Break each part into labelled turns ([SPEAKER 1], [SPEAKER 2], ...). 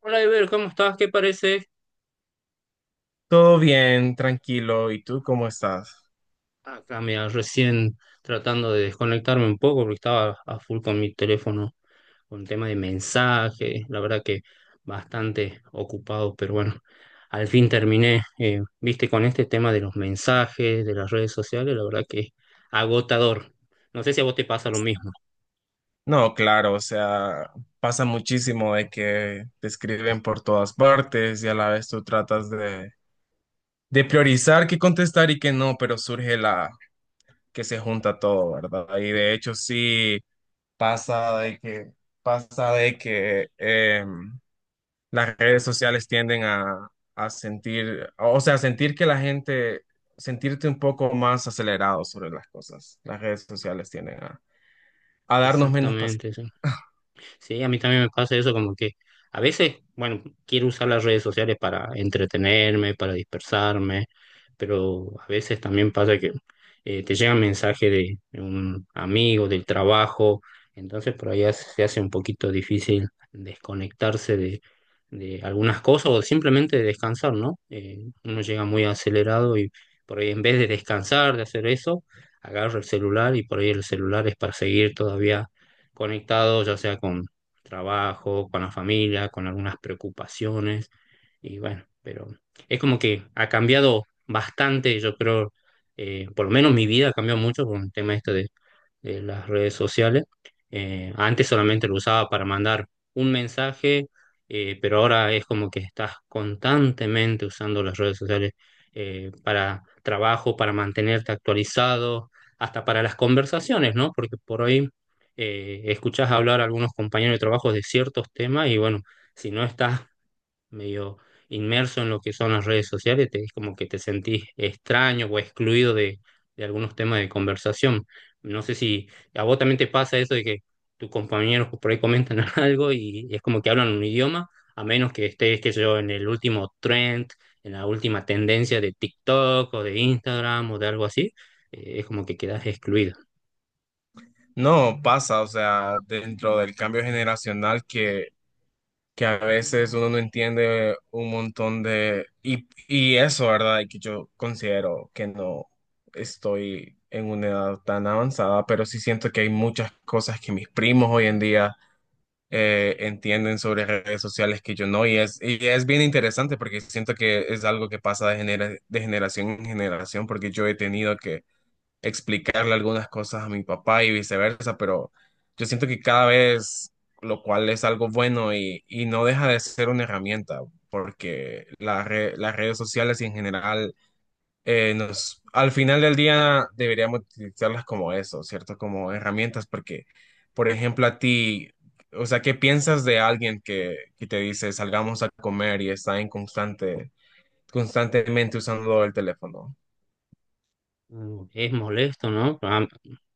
[SPEAKER 1] Hola, Iber, ¿cómo estás? ¿Qué parece?
[SPEAKER 2] Todo bien, tranquilo. ¿Y tú cómo estás?
[SPEAKER 1] Acá, mira, recién tratando de desconectarme un poco porque estaba a full con mi teléfono, con el tema de mensajes, la verdad que bastante ocupado, pero bueno, al fin terminé, viste, con este tema de los mensajes, de las redes sociales, la verdad que agotador. No sé si a vos te pasa lo mismo.
[SPEAKER 2] No, claro, o sea, pasa muchísimo de que te escriben por todas partes y a la vez tú tratas de priorizar qué contestar y qué no, pero surge la que se junta todo, ¿verdad? Y de hecho sí pasa de que pasa de que las redes sociales tienden a sentir, o sea, sentir que la gente, sentirte un poco más acelerado sobre las cosas. Las redes sociales tienden a darnos menos paciencia.
[SPEAKER 1] Exactamente, sí. Sí, a mí también me pasa eso, como que a veces, bueno, quiero usar las redes sociales para entretenerme, para dispersarme, pero a veces también pasa que te llega un mensaje de un amigo, del trabajo, entonces por ahí se hace un poquito difícil desconectarse de algunas cosas o simplemente descansar, ¿no? Uno llega muy acelerado y por ahí en vez de descansar, de hacer eso, agarra el celular y por ahí el celular es para seguir todavía conectado, ya sea con trabajo, con la familia, con algunas preocupaciones. Y bueno, pero es como que ha cambiado bastante, yo creo, por lo menos mi vida ha cambiado mucho con el tema esto de las redes sociales. Antes solamente lo usaba para mandar un mensaje, pero ahora es como que estás constantemente usando las redes sociales para trabajo, para mantenerte actualizado, hasta para las conversaciones, ¿no? Porque por hoy escuchás hablar a algunos compañeros de trabajo de ciertos temas y bueno, si no estás medio inmerso en lo que son las redes sociales, te, es como que te sentís extraño o excluido de algunos temas de conversación. No sé si a vos también te pasa eso de que tus compañeros por ahí comentan algo y, es como que hablan un idioma, a menos que estés, qué sé yo, en el último trend, en la última tendencia de TikTok o de Instagram o de algo así, es como que quedás excluido.
[SPEAKER 2] No, pasa, o sea, dentro del cambio generacional que a veces uno no entiende un montón de... Y, y eso, ¿verdad? Que yo considero que no estoy en una edad tan avanzada, pero sí siento que hay muchas cosas que mis primos hoy en día entienden sobre redes sociales que yo no, y es bien interesante porque siento que es algo que pasa de, de generación en generación, porque yo he tenido que explicarle algunas cosas a mi papá y viceversa, pero yo siento que cada vez, lo cual es algo bueno y no deja de ser una herramienta, porque las redes sociales y en general, nos, al final del día deberíamos utilizarlas como eso, ¿cierto? Como herramientas, porque, por ejemplo, a ti, o sea, ¿qué piensas de alguien que te dice salgamos a comer y está en constantemente usando el teléfono?
[SPEAKER 1] Mm, es molesto, ¿no? Ah,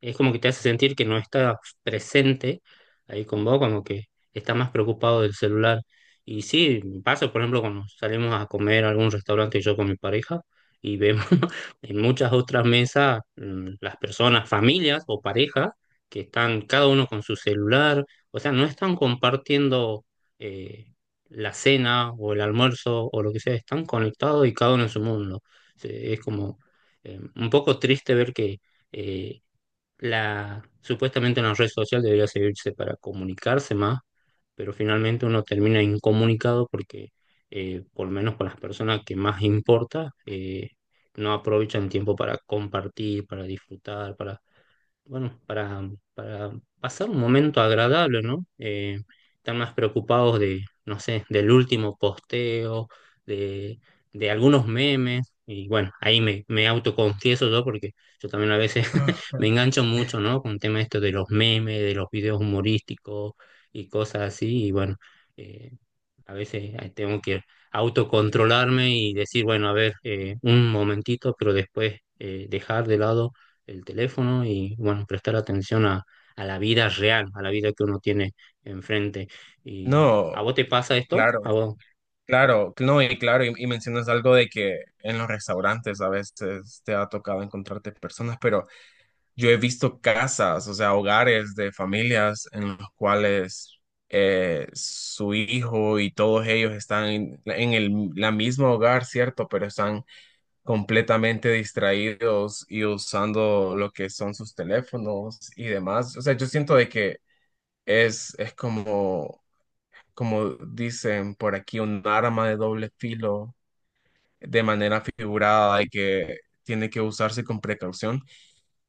[SPEAKER 1] es como que te hace sentir que no está presente ahí con vos, como que está más preocupado del celular. Y sí, me pasa, por ejemplo, cuando salimos a comer a algún restaurante yo con mi pareja y vemos en muchas otras mesas las personas, familias o parejas, que están cada uno con su celular, o sea, no están compartiendo eh, la cena o el almuerzo o lo que sea, están conectados y cada uno en su mundo. Es como un poco triste ver que eh, la, supuestamente una red social debería servirse para comunicarse más, pero finalmente uno termina incomunicado porque, por lo menos con las personas que más importa, no aprovechan tiempo para compartir, para disfrutar, para bueno, para pasar un momento agradable, ¿no? Están más preocupados de, no sé, del último posteo, de, de algunos memes, y bueno, ahí me autoconfieso yo porque yo también a veces me engancho mucho, ¿no? Con el tema esto de los memes, de los videos humorísticos y cosas así, y bueno. eh, a veces tengo que autocontrolarme y decir, bueno, a ver, un momentito, pero después dejar de lado el teléfono y, bueno, prestar atención a la vida real, a la vida que uno tiene enfrente. ¿Y a
[SPEAKER 2] No,
[SPEAKER 1] vos te pasa esto?
[SPEAKER 2] claro,
[SPEAKER 1] ¿A vos?
[SPEAKER 2] claro, no, y claro, y mencionas algo de que en los restaurantes a veces te ha tocado encontrarte personas, pero yo he visto casas, o sea, hogares de familias en los cuales su hijo y todos ellos están en el la mismo hogar, ¿cierto? Pero están completamente distraídos y usando lo que son sus teléfonos y demás. O sea, yo siento de que es como como dicen por aquí, un arma de doble filo de manera figurada y que tiene que usarse con precaución.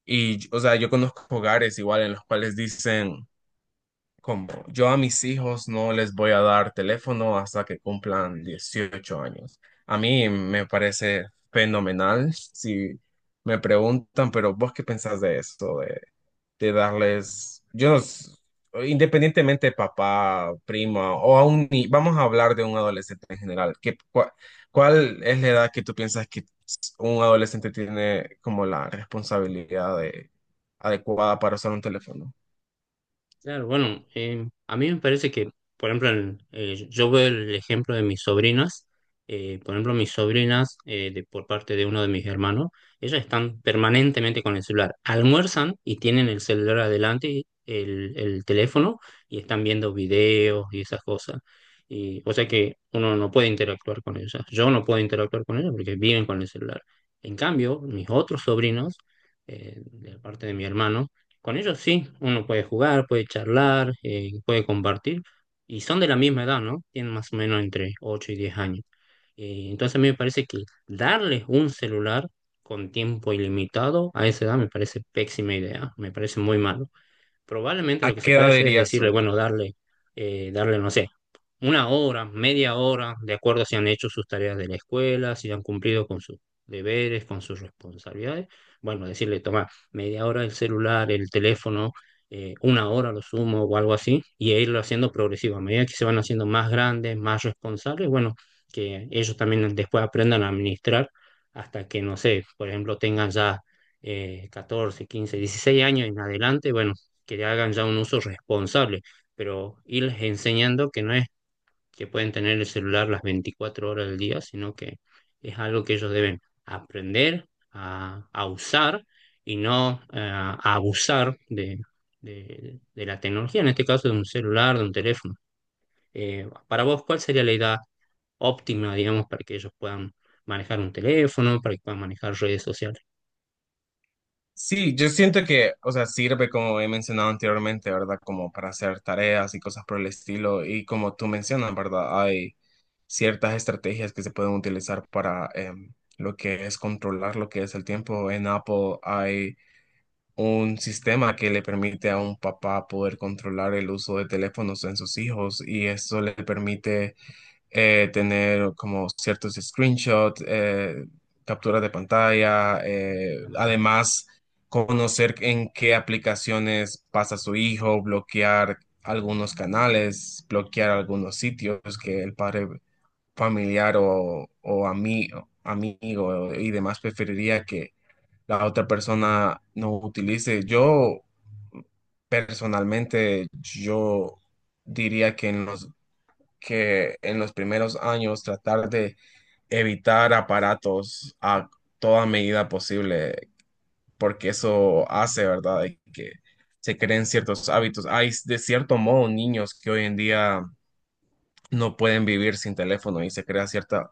[SPEAKER 2] Y, o sea, yo conozco hogares igual en los cuales dicen, como yo a mis hijos no les voy a dar teléfono hasta que cumplan 18 años. A mí me parece fenomenal si me preguntan, pero ¿vos qué pensás de esto? De darles, yo no s- independientemente de papá, prima o a un ni- vamos a hablar de un adolescente en general. ¿Qué, cuál, es la edad que tú piensas que un adolescente tiene como adecuada para usar un teléfono?
[SPEAKER 1] Claro, bueno, a mí me parece que, por ejemplo, yo veo el ejemplo de mis sobrinas, por ejemplo, mis sobrinas, de, por parte de uno de mis hermanos, ellas están permanentemente con el celular, almuerzan y tienen el celular adelante, y el teléfono, y están viendo videos y esas cosas. Y, o sea que uno no puede interactuar con ellas, yo no puedo interactuar con ellas porque viven con el celular. En cambio, mis otros sobrinos, de parte de mi hermano, con ellos sí, uno puede jugar, puede charlar, puede compartir, y son de la misma edad, ¿no? Tienen más o menos entre 8 y 10 años. Entonces a mí me parece que darles un celular con tiempo ilimitado a esa edad me parece pésima idea, me parece muy mal. Probablemente
[SPEAKER 2] ¿A
[SPEAKER 1] lo que se
[SPEAKER 2] qué
[SPEAKER 1] puede
[SPEAKER 2] edad
[SPEAKER 1] hacer es
[SPEAKER 2] dirías
[SPEAKER 1] decirle,
[SPEAKER 2] tú?
[SPEAKER 1] bueno, darle, darle, no sé, una hora, media hora, de acuerdo a si han hecho sus tareas de la escuela, si han cumplido con sus deberes, con sus responsabilidades. Bueno, decirle, toma, media hora el celular, el teléfono, una hora lo sumo o algo así, y irlo haciendo progresivo. A medida que se van haciendo más grandes, más responsables, bueno, que ellos también después aprendan a administrar hasta que, no sé, por ejemplo, tengan ya 14, 15, 16 años en adelante, bueno, que le hagan ya un uso responsable, pero irles enseñando que no es que pueden tener el celular las 24 horas del día, sino que es algo que ellos deben aprender a usar y no a abusar de, de la tecnología, en este caso de un celular, de un teléfono. Para vos, ¿cuál sería la edad óptima, digamos, para que ellos puedan manejar un teléfono, para que puedan manejar redes sociales?
[SPEAKER 2] Sí, yo siento que, o sea, sirve como he mencionado anteriormente, ¿verdad? Como para hacer tareas y cosas por el estilo. Y como tú mencionas, ¿verdad? Hay ciertas estrategias que se pueden utilizar para lo que es controlar lo que es el tiempo. En Apple hay un sistema que le permite a un papá poder controlar el uso de teléfonos en sus hijos y eso le permite tener como ciertos screenshots, capturas de pantalla,
[SPEAKER 1] Claro,
[SPEAKER 2] además conocer en qué aplicaciones pasa su hijo, bloquear algunos canales, bloquear algunos sitios que el padre familiar o, amigo y demás preferiría que la otra persona no utilice. Yo personalmente, yo diría que en los primeros años tratar de evitar aparatos a toda medida posible, porque eso hace, ¿verdad?, de que se creen ciertos hábitos. Hay, de cierto modo, niños que hoy en día no pueden vivir sin teléfono y se crea cierta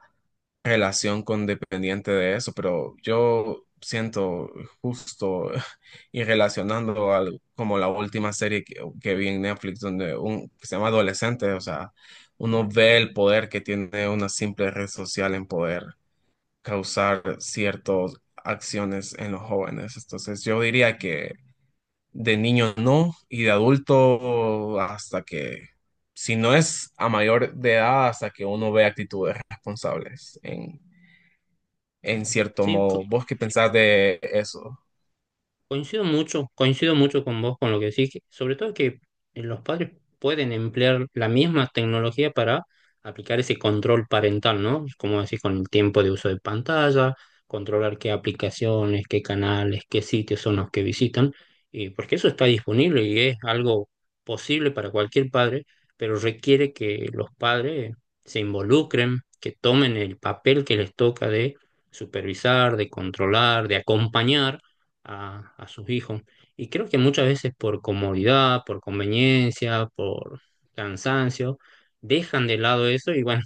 [SPEAKER 2] relación con dependiente de eso, pero yo siento justo y relacionando al, como la última serie que vi en Netflix, donde un, que se llama Adolescente, o sea, uno ve el poder que tiene una simple red social en poder causar ciertas acciones en los jóvenes. Entonces yo diría que de niño no y de adulto hasta que... Si no es a mayor de edad, hasta que uno ve actitudes responsables en
[SPEAKER 1] claro.
[SPEAKER 2] cierto
[SPEAKER 1] Sí,
[SPEAKER 2] modo. ¿Vos qué pensás de eso?
[SPEAKER 1] coincido mucho, coincido mucho con vos con lo que decís, sobre todo que los padres pueden emplear la misma tecnología para aplicar ese control parental, ¿no? Como decís, con el tiempo de uso de pantalla, controlar qué aplicaciones, qué canales, qué sitios son los que visitan, y porque eso está disponible y es algo posible para cualquier padre, pero requiere que los padres se involucren, que tomen el papel que les toca de supervisar, de controlar, de acompañar a sus hijos. Y creo que muchas veces por comodidad, por conveniencia, por cansancio, dejan de lado eso y bueno,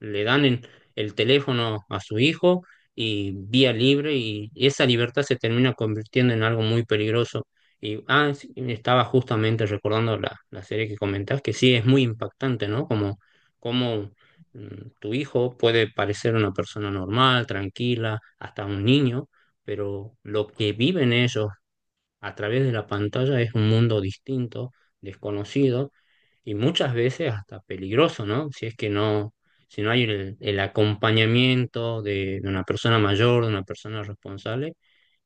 [SPEAKER 1] le dan el teléfono a su hijo y vía libre y esa libertad se termina convirtiendo en algo muy peligroso. Y ah, sí, estaba justamente recordando la serie que comentás, que sí es muy impactante, ¿no? Como, como mm, tu hijo puede parecer una persona normal, tranquila, hasta un niño, pero lo que viven ellos a través de la pantalla es un mundo distinto, desconocido y muchas veces hasta peligroso, ¿no? Si es que no, si no hay el acompañamiento de una persona mayor, de una persona responsable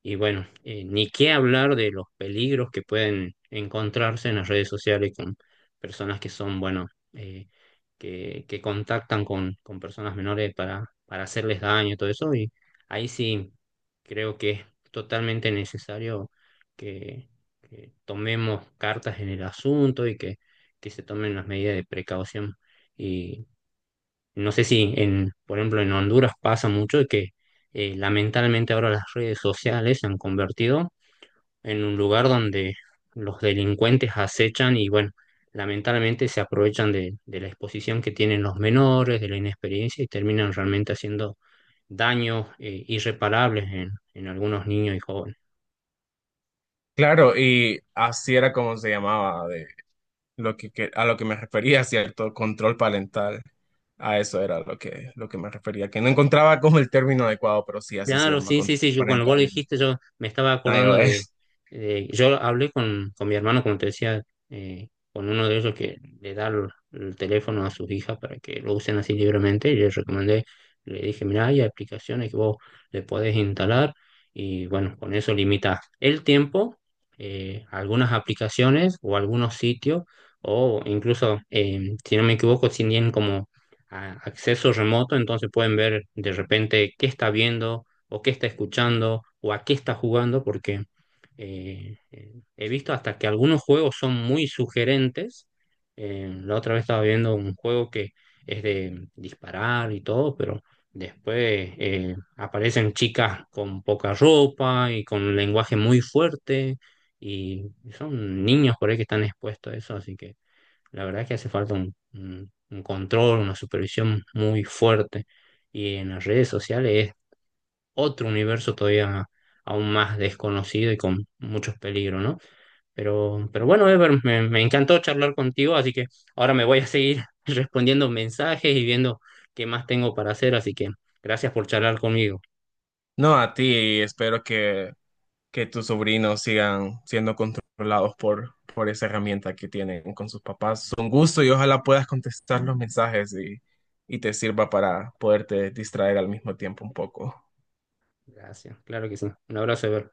[SPEAKER 1] y bueno, ni qué hablar de los peligros que pueden encontrarse en las redes sociales con personas que son, bueno, eh, que contactan con personas menores para hacerles daño y todo eso. Y ahí sí creo que es totalmente necesario que, que tomemos cartas en el asunto y que se tomen las medidas de precaución. No sé si, en, por ejemplo, en Honduras pasa mucho de que lamentablemente ahora las redes sociales se han convertido en un lugar donde los delincuentes acechan y, bueno, lamentablemente se aprovechan de la exposición que tienen los menores, de la inexperiencia y terminan realmente haciendo daños irreparables en algunos niños y jóvenes.
[SPEAKER 2] Claro, y así era como se llamaba, de lo que, a lo que me refería, ¿cierto? Control parental. A eso era lo que me refería, que no encontraba como el término adecuado, pero sí, así se
[SPEAKER 1] Claro,
[SPEAKER 2] llama,
[SPEAKER 1] sí, sí,
[SPEAKER 2] control
[SPEAKER 1] sí, yo cuando
[SPEAKER 2] parental
[SPEAKER 1] vos lo
[SPEAKER 2] en
[SPEAKER 1] dijiste, yo me estaba acordando de,
[SPEAKER 2] iOS.
[SPEAKER 1] yo hablé con mi hermano, como te decía, con uno de ellos que le da el teléfono a sus hijas para que lo usen así libremente, y le recomendé, le dije, mira, hay aplicaciones que vos le podés instalar, y bueno, con eso limitas el tiempo, algunas aplicaciones o algunos sitios, o incluso, si no me equivoco, si tienen como acceso remoto, entonces pueden ver de repente qué está viendo o qué está escuchando o a qué está jugando, porque he visto hasta que algunos juegos son muy sugerentes. La otra vez estaba viendo un juego que es de disparar y todo, pero después aparecen chicas con poca ropa y con un lenguaje muy fuerte y son niños por ahí que están expuestos a eso, así que la verdad es que hace falta un, un control, una supervisión muy fuerte. Y en las redes sociales otro universo todavía aún más desconocido y con muchos peligros, ¿no? Pero bueno, Ever, me encantó charlar contigo, así que ahora me voy a seguir respondiendo mensajes y viendo qué más tengo para hacer, así que gracias por charlar conmigo.
[SPEAKER 2] No, a ti, espero que tus sobrinos sigan siendo controlados por esa herramienta que tienen con sus papás. Es un gusto y ojalá puedas contestar los mensajes y te sirva para poderte distraer al mismo tiempo un poco.
[SPEAKER 1] Gracias, claro que sí. Un abrazo, Ever.